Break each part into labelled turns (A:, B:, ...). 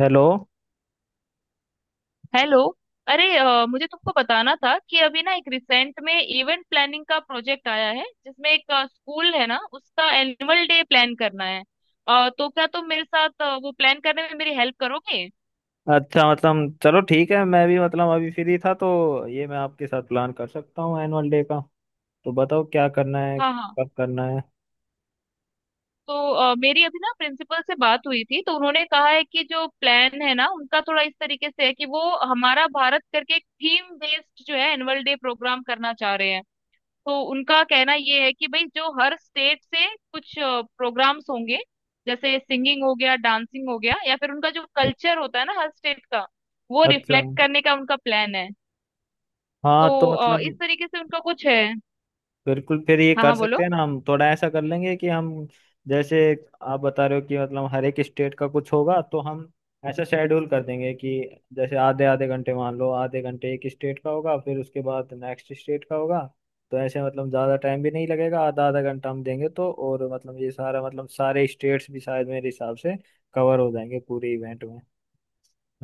A: Hello.
B: Hello. अरे मुझे तुमको बताना था कि अभी ना एक रिसेंट में इवेंट प्लानिंग का प्रोजेक्ट आया है जिसमें एक स्कूल है ना उसका एनुअल डे प्लान करना है। तो क्या तुम मेरे साथ वो प्लान करने में मेरी हेल्प करोगे?
A: अच्छा, मतलब चलो ठीक है, मैं भी मतलब अभी फ्री था तो ये मैं आपके साथ प्लान कर सकता हूँ एनुअल डे का। तो बताओ क्या करना है,
B: हाँ हाँ।
A: कब करना है।
B: तो मेरी अभी ना प्रिंसिपल से बात हुई थी तो उन्होंने कहा है कि जो प्लान है ना उनका थोड़ा इस तरीके से है कि वो हमारा भारत करके एक थीम बेस्ड जो है एनुअल डे प्रोग्राम करना चाह रहे हैं। तो उनका कहना ये है कि भाई जो हर स्टेट से कुछ प्रोग्राम्स होंगे, जैसे सिंगिंग हो गया डांसिंग हो गया या फिर उनका जो कल्चर होता है ना हर स्टेट का वो
A: अच्छा।
B: रिफ्लेक्ट करने का उनका प्लान है। तो
A: हाँ, तो मतलब
B: इस तरीके से उनका कुछ है।
A: बिल्कुल, फिर ये
B: हाँ
A: कर
B: हाँ
A: सकते
B: बोलो।
A: हैं ना। हम थोड़ा ऐसा कर लेंगे कि हम, जैसे आप बता रहे हो कि मतलब हर एक स्टेट का कुछ होगा, तो हम ऐसा शेड्यूल कर देंगे कि जैसे आधे आधे घंटे, मान लो आधे घंटे एक स्टेट का होगा, फिर उसके बाद नेक्स्ट स्टेट का होगा। तो ऐसे मतलब ज़्यादा टाइम भी नहीं लगेगा, आधा आधा घंटा हम देंगे तो, और मतलब ये सारा मतलब सारे स्टेट्स भी शायद मेरे हिसाब से कवर हो जाएंगे पूरे इवेंट में।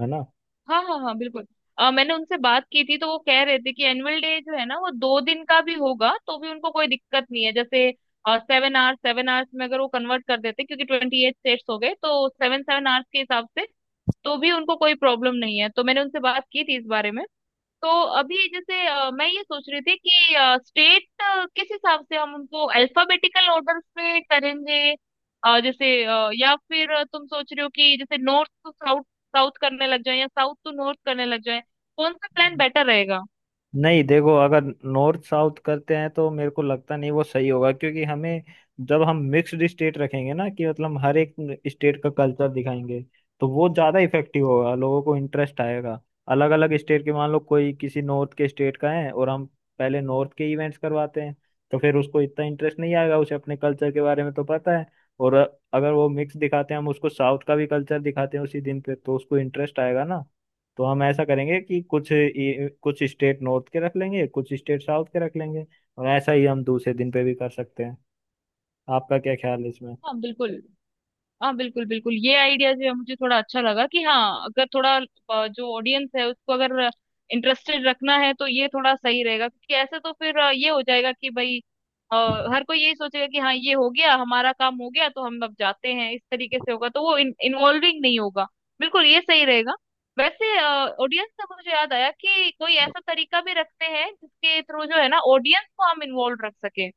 A: है ना।
B: हाँ हाँ हाँ बिल्कुल। मैंने उनसे बात की थी तो वो कह रहे थे कि एनुअल डे जो है ना वो 2 दिन का भी होगा तो भी उनको कोई दिक्कत नहीं है, जैसे 7 आवर्स 7 आवर्स में अगर वो कन्वर्ट कर देते क्योंकि 28 स्टेट्स हो गए तो सेवन सेवन आवर्स के हिसाब से तो भी उनको कोई प्रॉब्लम नहीं है। तो मैंने उनसे बात की थी इस बारे में। तो अभी जैसे मैं ये सोच रही थी कि स्टेट किस हिसाब से हम उनको अल्फाबेटिकल ऑर्डर में करेंगे। जैसे या फिर तुम सोच रहे हो कि जैसे नॉर्थ टू साउथ साउथ करने लग जाए या साउथ टू नॉर्थ करने लग जाए? कौन सा प्लान बेटर रहेगा?
A: नहीं देखो, अगर नॉर्थ साउथ करते हैं तो मेरे को लगता नहीं वो सही होगा, क्योंकि हमें जब हम मिक्स्ड स्टेट रखेंगे ना कि मतलब हर एक स्टेट का कल्चर दिखाएंगे, तो वो ज़्यादा इफेक्टिव होगा, लोगों को इंटरेस्ट आएगा। अलग अलग स्टेट के मान लो कोई किसी नॉर्थ के स्टेट का है और हम पहले नॉर्थ के इवेंट्स करवाते हैं, तो फिर उसको इतना इंटरेस्ट नहीं आएगा, उसे अपने कल्चर के बारे में तो पता है। और अगर वो मिक्स दिखाते हैं, हम उसको साउथ का भी कल्चर दिखाते हैं उसी दिन पे, तो उसको इंटरेस्ट आएगा ना। तो हम ऐसा करेंगे कि कुछ स्टेट नॉर्थ के रख लेंगे, कुछ स्टेट साउथ के रख लेंगे। और ऐसा ही हम दूसरे दिन पे भी कर सकते हैं। आपका क्या ख्याल है इसमें।
B: हाँ बिल्कुल। हाँ बिल्कुल बिल्कुल ये आइडिया जो है मुझे थोड़ा अच्छा लगा कि हाँ अगर थोड़ा जो ऑडियंस है उसको अगर इंटरेस्टेड रखना है तो ये थोड़ा सही रहेगा क्योंकि ऐसे तो फिर ये हो जाएगा कि भाई अ, हर कोई यही सोचेगा कि हाँ ये हो गया हमारा काम हो गया तो हम अब जाते हैं, इस तरीके से होगा तो वो इन्वॉल्विंग नहीं होगा। बिल्कुल ये सही रहेगा। वैसे ऑडियंस से मुझे याद आया कि कोई ऐसा तरीका भी रखते हैं जिसके थ्रू जो है ना ऑडियंस को हम इन्वॉल्व रख सके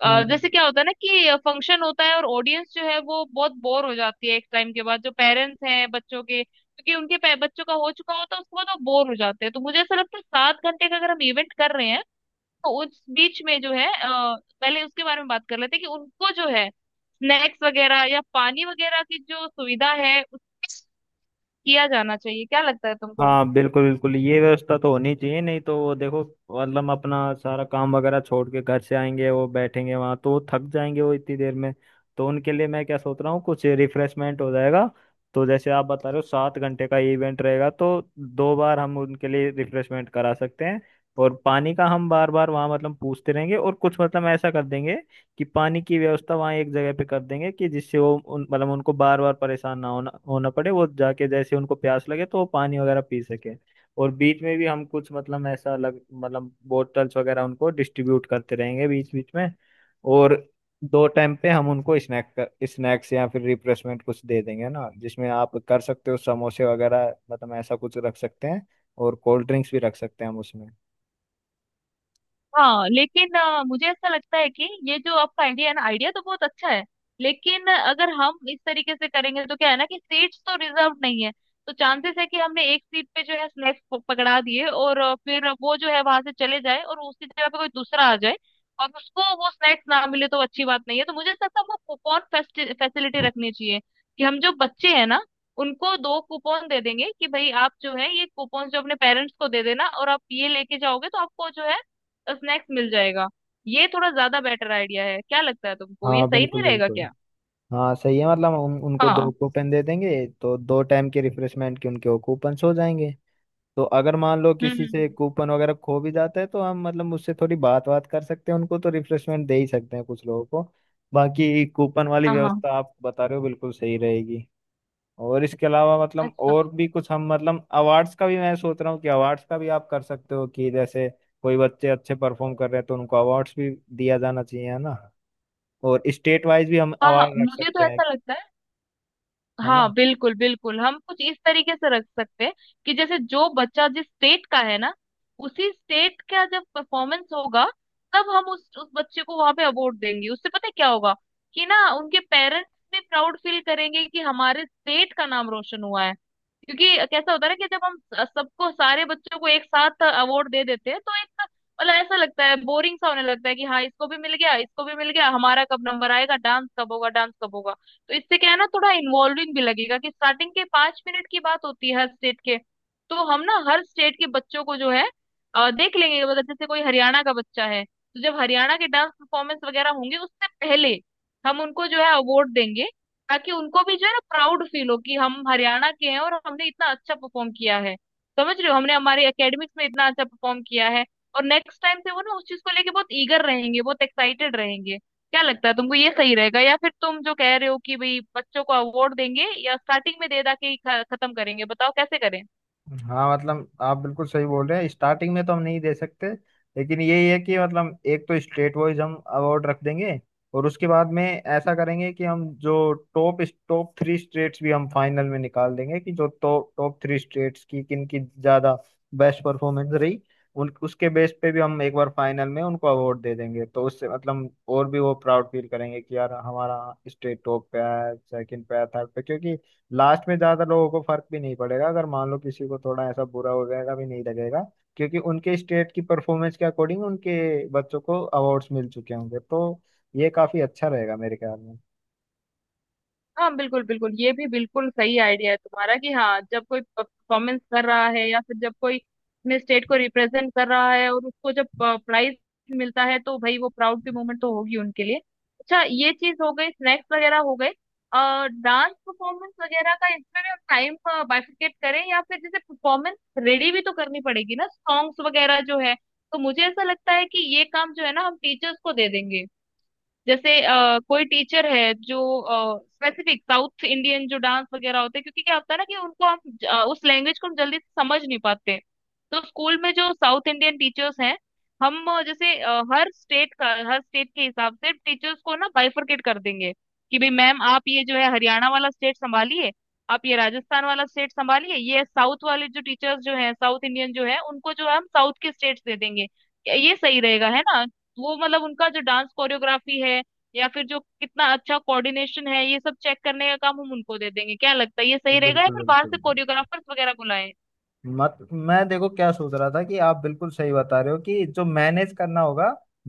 A: हम्म।
B: जैसे क्या होता है ना कि फंक्शन होता है और ऑडियंस जो है वो बहुत बोर हो जाती है एक टाइम के बाद, जो पेरेंट्स हैं बच्चों के, क्योंकि उनके बच्चों का हो चुका होता है, उसके बाद वो बोर हो जाते हैं। तो मुझे ऐसा लगता है 7 घंटे का अगर हम इवेंट कर रहे हैं तो उस बीच में जो है पहले उसके बारे में बात कर लेते हैं कि उनको जो है स्नैक्स वगैरह या पानी वगैरह की जो सुविधा है उसकी किया जाना चाहिए, क्या लगता है तुमको?
A: हाँ बिल्कुल बिल्कुल, ये व्यवस्था तो होनी चाहिए, नहीं तो वो देखो मतलब अपना सारा काम वगैरह छोड़ के घर से आएंगे, वो बैठेंगे वहां तो वो थक जाएंगे वो इतनी देर में। तो उनके लिए मैं क्या सोच रहा हूँ कुछ रिफ्रेशमेंट हो जाएगा। तो जैसे आप बता रहे हो 7 घंटे का इवेंट रहेगा, तो दो बार हम उनके लिए रिफ्रेशमेंट करा सकते हैं। और पानी का हम बार बार वहाँ मतलब पूछते रहेंगे और कुछ मतलब ऐसा कर देंगे कि पानी की व्यवस्था वहाँ एक जगह पे कर देंगे कि जिससे वो उन मतलब उनको बार बार परेशान ना होना होना पड़े, वो जाके जैसे उनको प्यास लगे तो वो पानी वगैरह पी सके। और बीच में भी हम कुछ मतलब ऐसा अलग मतलब बोतल्स वगैरह उनको डिस्ट्रीब्यूट करते रहेंगे बीच बीच में। और दो टाइम पे हम उनको स्नैक्स या फिर रिफ्रेशमेंट कुछ दे देंगे ना, जिसमें आप कर सकते हो समोसे वगैरह मतलब ऐसा कुछ रख सकते हैं। और कोल्ड ड्रिंक्स भी रख सकते हैं हम उसमें।
B: हाँ लेकिन मुझे ऐसा लगता है कि ये जो आपका आइडिया है ना, आइडिया तो बहुत अच्छा है लेकिन अगर हम इस तरीके से करेंगे तो क्या है ना कि सीट्स तो रिजर्व नहीं है। तो चांसेस है कि हमने एक सीट पे जो है स्नैक्स पकड़ा दिए और फिर वो जो है वहां से चले जाए और उसकी जगह पे कोई दूसरा आ जाए और उसको वो स्नैक्स ना मिले तो अच्छी बात नहीं है। तो मुझे ऐसा लगता है हमको कूपन फैसिलिटी रखनी चाहिए कि हम जो बच्चे हैं ना उनको दो कूपन दे देंगे कि भाई आप जो है ये कूपन जो अपने पेरेंट्स को दे देना और आप ये लेके जाओगे तो आपको जो है स्नैक्स मिल जाएगा। ये थोड़ा ज्यादा बेटर आइडिया है, क्या लगता है तुमको, ये
A: हाँ
B: सही
A: बिल्कुल
B: नहीं रहेगा
A: बिल्कुल।
B: क्या?
A: हाँ सही है, मतलब उनको दो
B: हाँ।
A: कूपन दे देंगे तो दो टाइम के रिफ्रेशमेंट के उनके वो कूपन्स हो जाएंगे। तो अगर मान लो
B: हम्म हम्म,
A: किसी से
B: हम्म,
A: कूपन वगैरह खो भी जाता है तो हम मतलब उससे थोड़ी बात बात कर सकते हैं, उनको तो रिफ्रेशमेंट दे ही सकते हैं कुछ लोगों को। बाकी कूपन वाली
B: हाँ हाँ।
A: व्यवस्था आप बता रहे हो बिल्कुल सही रहेगी। और इसके अलावा मतलब
B: अच्छा।
A: और भी कुछ हम मतलब अवार्ड्स का भी मैं सोच रहा हूँ कि अवार्ड्स का भी आप कर सकते हो कि जैसे कोई बच्चे अच्छे परफॉर्म कर रहे हैं तो उनको अवार्ड्स भी दिया जाना चाहिए। है ना। और स्टेट वाइज भी हम
B: हाँ हाँ
A: अवार्ड रख
B: मुझे
A: सकते
B: तो
A: हैं।
B: ऐसा लगता है।
A: है ना।
B: हाँ बिल्कुल बिल्कुल हम कुछ इस तरीके से रख सकते हैं कि जैसे जो बच्चा जिस स्टेट का है ना उसी स्टेट का जब परफॉर्मेंस होगा तब हम उस बच्चे को वहां पे अवार्ड देंगे। उससे पता है क्या होगा कि ना उनके पेरेंट्स भी प्राउड फील करेंगे कि हमारे स्टेट का नाम रोशन हुआ है। क्योंकि कैसा होता है ना कि जब हम सबको सारे बच्चों को एक साथ अवार्ड दे देते हैं तो एक मतलब ऐसा लगता है बोरिंग सा होने लगता है कि हाँ इसको भी मिल गया इसको भी मिल गया, हमारा कब नंबर आएगा, डांस कब होगा डांस कब होगा। तो इससे क्या है ना थोड़ा इन्वॉल्विंग भी लगेगा कि स्टार्टिंग के 5 मिनट की बात होती है हर स्टेट के। तो हम ना हर स्टेट के बच्चों को जो है देख लेंगे, मतलब जैसे कोई हरियाणा का बच्चा है तो जब हरियाणा के डांस परफॉर्मेंस वगैरह होंगे उससे पहले हम उनको जो है अवार्ड देंगे ताकि उनको भी जो है ना प्राउड फील हो कि हम हरियाणा के हैं और हमने इतना अच्छा परफॉर्म किया है। समझ रहे हो, हमने हमारे एकेडमिक्स में इतना अच्छा परफॉर्म किया है और नेक्स्ट टाइम से वो ना उस चीज को लेके बहुत ईगर रहेंगे बहुत एक्साइटेड रहेंगे। क्या लगता है तुमको ये सही रहेगा या फिर तुम जो कह रहे हो कि भाई बच्चों को अवार्ड देंगे या स्टार्टिंग में दे दा के ही खत्म करेंगे, बताओ कैसे करें?
A: हाँ मतलब आप बिल्कुल सही बोल रहे हैं, स्टार्टिंग में तो हम नहीं दे सकते। लेकिन यही है कि मतलब एक तो स्टेट वाइज हम अवार्ड रख देंगे, और उसके बाद में ऐसा करेंगे कि हम जो टॉप टॉप थ्री स्टेट्स भी हम फाइनल में निकाल देंगे कि जो टॉप टॉप थ्री स्टेट्स की किन की ज्यादा बेस्ट परफॉर्मेंस रही, उन उसके बेस पे भी हम एक बार फाइनल में उनको अवार्ड दे देंगे। तो उससे मतलब और भी वो प्राउड फील करेंगे कि यार हमारा स्टेट टॉप पे आया, सेकंड पे आया, थर्ड पे। क्योंकि लास्ट में ज्यादा लोगों को फर्क भी नहीं पड़ेगा, अगर मान लो किसी को थोड़ा ऐसा बुरा हो जाएगा भी नहीं लगेगा, क्योंकि उनके स्टेट की परफॉर्मेंस के अकॉर्डिंग उनके बच्चों को अवार्ड्स मिल चुके होंगे। तो ये काफी अच्छा रहेगा मेरे ख्याल में।
B: हाँ बिल्कुल बिल्कुल ये भी बिल्कुल सही आइडिया है तुम्हारा कि हाँ जब कोई परफॉर्मेंस कर रहा है या फिर जब कोई अपने स्टेट को रिप्रेजेंट कर रहा है और उसको जब प्राइज मिलता है तो भाई वो प्राउड की मोमेंट तो होगी उनके लिए। अच्छा ये चीज हो गई, स्नैक्स वगैरह हो गए। डांस परफॉर्मेंस वगैरह का इसमें भी हम टाइम बाइफिकेट करें, या फिर जैसे परफॉर्मेंस रेडी भी तो करनी पड़ेगी ना सॉन्ग्स वगैरह जो है, तो मुझे ऐसा लगता है कि ये काम जो है ना हम टीचर्स को दे देंगे। जैसे कोई टीचर है जो स्पेसिफिक साउथ इंडियन जो डांस वगैरह होते हैं, क्योंकि क्या होता है ना कि उनको हम उस लैंग्वेज को हम जल्दी से समझ नहीं पाते हैं। तो स्कूल में जो साउथ इंडियन टीचर्स हैं हम जैसे हर स्टेट का हर स्टेट के हिसाब से टीचर्स को ना बाइफरकेट कर देंगे कि भाई मैम आप ये जो है हरियाणा वाला स्टेट संभालिए, आप ये राजस्थान वाला स्टेट संभालिए, ये साउथ वाले जो टीचर्स जो हैं साउथ इंडियन जो है उनको जो हम साउथ के स्टेट्स दे देंगे, ये सही रहेगा है ना। वो मतलब उनका जो डांस कोरियोग्राफी है या फिर जो कितना अच्छा कोऑर्डिनेशन है ये सब चेक करने का काम हम उनको दे देंगे। क्या लगता है ये सही रहेगा या
A: बिल्कुल
B: फिर बाहर से
A: बिल्कुल।
B: कोरियोग्राफर्स वगैरह बुलाएं?
A: मत मैं देखो क्या सोच रहा था कि आप बिल्कुल सही बता रहे हो कि जो मैनेज करना होगा,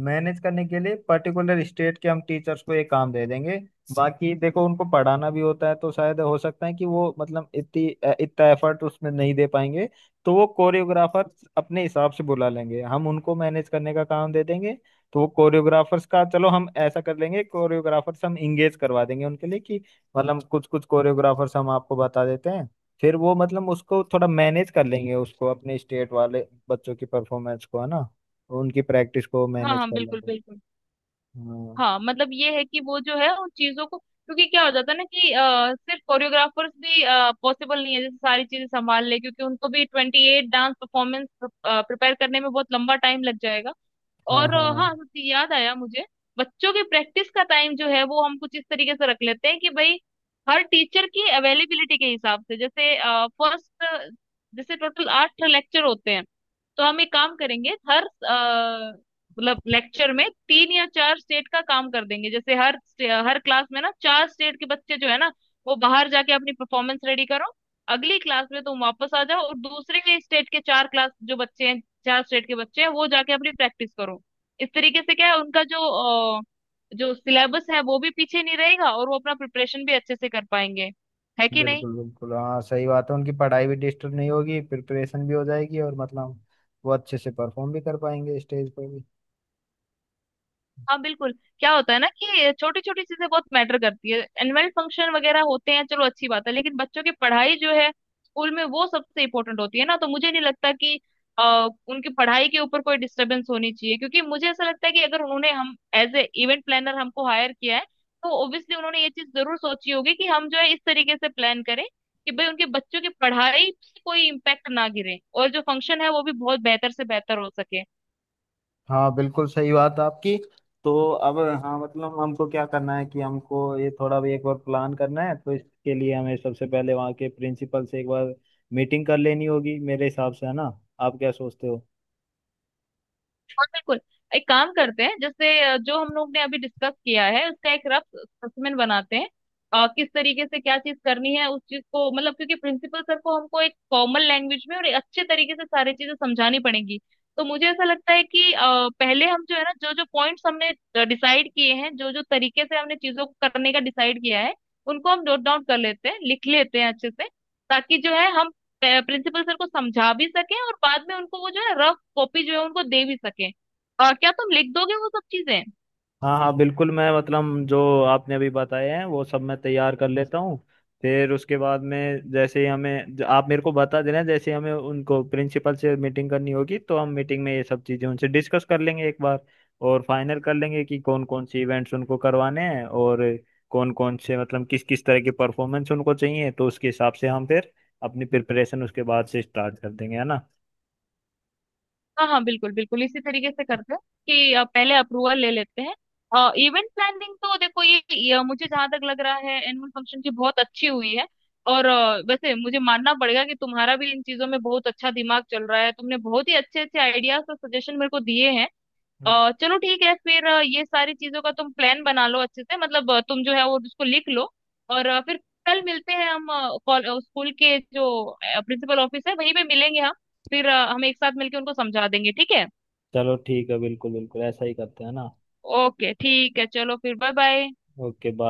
A: मैनेज करने के लिए पर्टिकुलर स्टेट के हम टीचर्स को ये काम दे देंगे। बाकी देखो उनको पढ़ाना भी होता है तो शायद हो सकता है कि वो मतलब इतना एफर्ट उसमें नहीं दे पाएंगे। तो वो कोरियोग्राफर अपने हिसाब से बुला लेंगे हम उनको मैनेज करने का काम दे देंगे। तो वो कोरियोग्राफर्स का चलो हम ऐसा कर लेंगे, कोरियोग्राफर्स हम इंगेज करवा देंगे उनके लिए कि मतलब कुछ कुछ कोरियोग्राफर्स हम आपको बता देते हैं। फिर वो मतलब उसको थोड़ा मैनेज कर लेंगे, उसको अपने स्टेट वाले बच्चों की परफॉर्मेंस को, है ना। उनकी प्रैक्टिस को
B: हाँ
A: मैनेज
B: हाँ
A: कर
B: बिल्कुल
A: लेंगे।
B: बिल्कुल।
A: हाँ।
B: हाँ मतलब ये है कि वो जो है उन चीजों को, क्योंकि क्या हो जाता है ना कि सिर्फ कोरियोग्राफर्स भी पॉसिबल नहीं है जैसे सारी चीजें संभाल ले, क्योंकि उनको भी 28 डांस परफॉर्मेंस प्रिपेयर करने में बहुत लंबा टाइम लग जाएगा।
A: हाँ
B: और
A: हाँ
B: हाँ सच्ची याद आया मुझे, बच्चों की प्रैक्टिस का टाइम जो है वो हम कुछ इस तरीके से रख लेते हैं कि भाई हर टीचर की अवेलेबिलिटी के हिसाब से, जैसे फर्स्ट जैसे टोटल आठ लेक्चर होते हैं तो हम एक काम करेंगे हर मतलब लेक्चर में तीन या चार स्टेट का काम कर देंगे, जैसे हर हर क्लास में ना चार स्टेट के बच्चे जो है ना वो बाहर जाके अपनी परफॉर्मेंस रेडी करो, अगली क्लास में तुम वापस आ जाओ और दूसरे के स्टेट के चार क्लास जो बच्चे हैं चार स्टेट के बच्चे हैं वो जाके अपनी प्रैक्टिस करो। इस तरीके से क्या है उनका जो अ, जो सिलेबस है वो भी पीछे नहीं रहेगा और वो अपना प्रिपरेशन भी अच्छे से कर पाएंगे, है कि नहीं?
A: बिल्कुल बिल्कुल, हाँ सही बात है, उनकी पढ़ाई भी डिस्टर्ब नहीं होगी, प्रिपरेशन भी हो जाएगी और मतलब वो अच्छे से परफॉर्म भी कर पाएंगे स्टेज पे भी।
B: हाँ बिल्कुल। क्या होता है ना कि छोटी छोटी चीजें बहुत मैटर करती है एनुअल फंक्शन वगैरह होते हैं, चलो अच्छी बात है, लेकिन बच्चों की पढ़ाई जो है स्कूल में वो सबसे इम्पोर्टेंट होती है ना। तो मुझे नहीं लगता कि उनकी पढ़ाई के ऊपर कोई डिस्टरबेंस होनी चाहिए, क्योंकि मुझे ऐसा लगता है कि अगर उन्होंने हम एज ए इवेंट प्लानर हमको हायर किया है तो ऑब्वियसली उन्होंने ये चीज जरूर सोची होगी कि हम जो है इस तरीके से प्लान करें कि भाई उनके बच्चों की पढ़ाई पे कोई इम्पैक्ट ना गिरे और जो फंक्शन है वो भी बहुत बेहतर से बेहतर हो सके।
A: हाँ बिल्कुल सही बात है आपकी। तो अब, हाँ मतलब हमको क्या करना है कि हमको ये थोड़ा भी एक बार प्लान करना है, तो इसके लिए हमें सबसे पहले वहाँ के प्रिंसिपल से एक बार मीटिंग कर लेनी होगी मेरे हिसाब से। है ना। आप क्या सोचते हो।
B: और बिल्कुल एक काम करते हैं, जैसे जो हम लोग ने अभी डिस्कस किया है उसका एक रफ स्पेसिमेन बनाते हैं। किस तरीके से क्या चीज करनी है उस चीज को, मतलब क्योंकि प्रिंसिपल सर को हमको एक कॉमन लैंग्वेज में और एक अच्छे तरीके से सारी चीजें समझानी पड़ेंगी। तो मुझे ऐसा लगता है कि पहले हम जो है ना जो जो पॉइंट्स हमने डिसाइड किए हैं, जो जो तरीके से हमने चीजों को करने का डिसाइड किया है, उनको हम नोट डाउन कर लेते हैं, लिख लेते हैं अच्छे से, ताकि जो है हम प्रिंसिपल सर को समझा भी सकें और बाद में उनको वो जो है रफ कॉपी जो है उनको दे भी सकें। क्या तुम लिख दोगे वो सब चीजें?
A: हाँ हाँ बिल्कुल, मैं मतलब जो आपने अभी बताए हैं वो सब मैं तैयार कर लेता हूँ। फिर उसके बाद में जैसे ही हमें आप मेरे को बता देना, जैसे ही हमें उनको प्रिंसिपल से मीटिंग करनी होगी, तो हम मीटिंग में ये सब चीज़ें उनसे डिस्कस कर लेंगे एक बार। और फाइनल कर लेंगे कि कौन कौन से इवेंट्स उनको करवाने हैं और कौन कौन से मतलब किस किस तरह की परफॉर्मेंस उनको चाहिए, तो उसके हिसाब से हम फिर अपनी प्रिपरेशन उसके बाद से स्टार्ट कर देंगे। है ना।
B: हाँ हाँ बिल्कुल बिल्कुल इसी तरीके से करते हैं कि पहले अप्रूवल ले लेते हैं। इवेंट प्लानिंग तो देखो ये मुझे जहां तक लग रहा है एनुअल फंक्शन की बहुत अच्छी हुई है। और वैसे मुझे मानना पड़ेगा कि तुम्हारा भी इन चीजों में बहुत अच्छा दिमाग चल रहा है, तुमने बहुत ही अच्छे अच्छे आइडियाज और सजेशन मेरे को दिए हैं। चलो ठीक है, फिर ये सारी चीजों का तुम प्लान बना लो अच्छे से, मतलब तुम जो है वो उसको लिख लो। और फिर कल मिलते हैं हम, स्कूल के जो प्रिंसिपल ऑफिस है वहीं पे मिलेंगे हम। फिर हम एक साथ मिलके उनको समझा देंगे, ठीक है?
A: चलो ठीक है बिल्कुल बिल्कुल ऐसा ही करते हैं ना।
B: ओके ठीक है, चलो फिर बाय बाय।
A: Okay bye.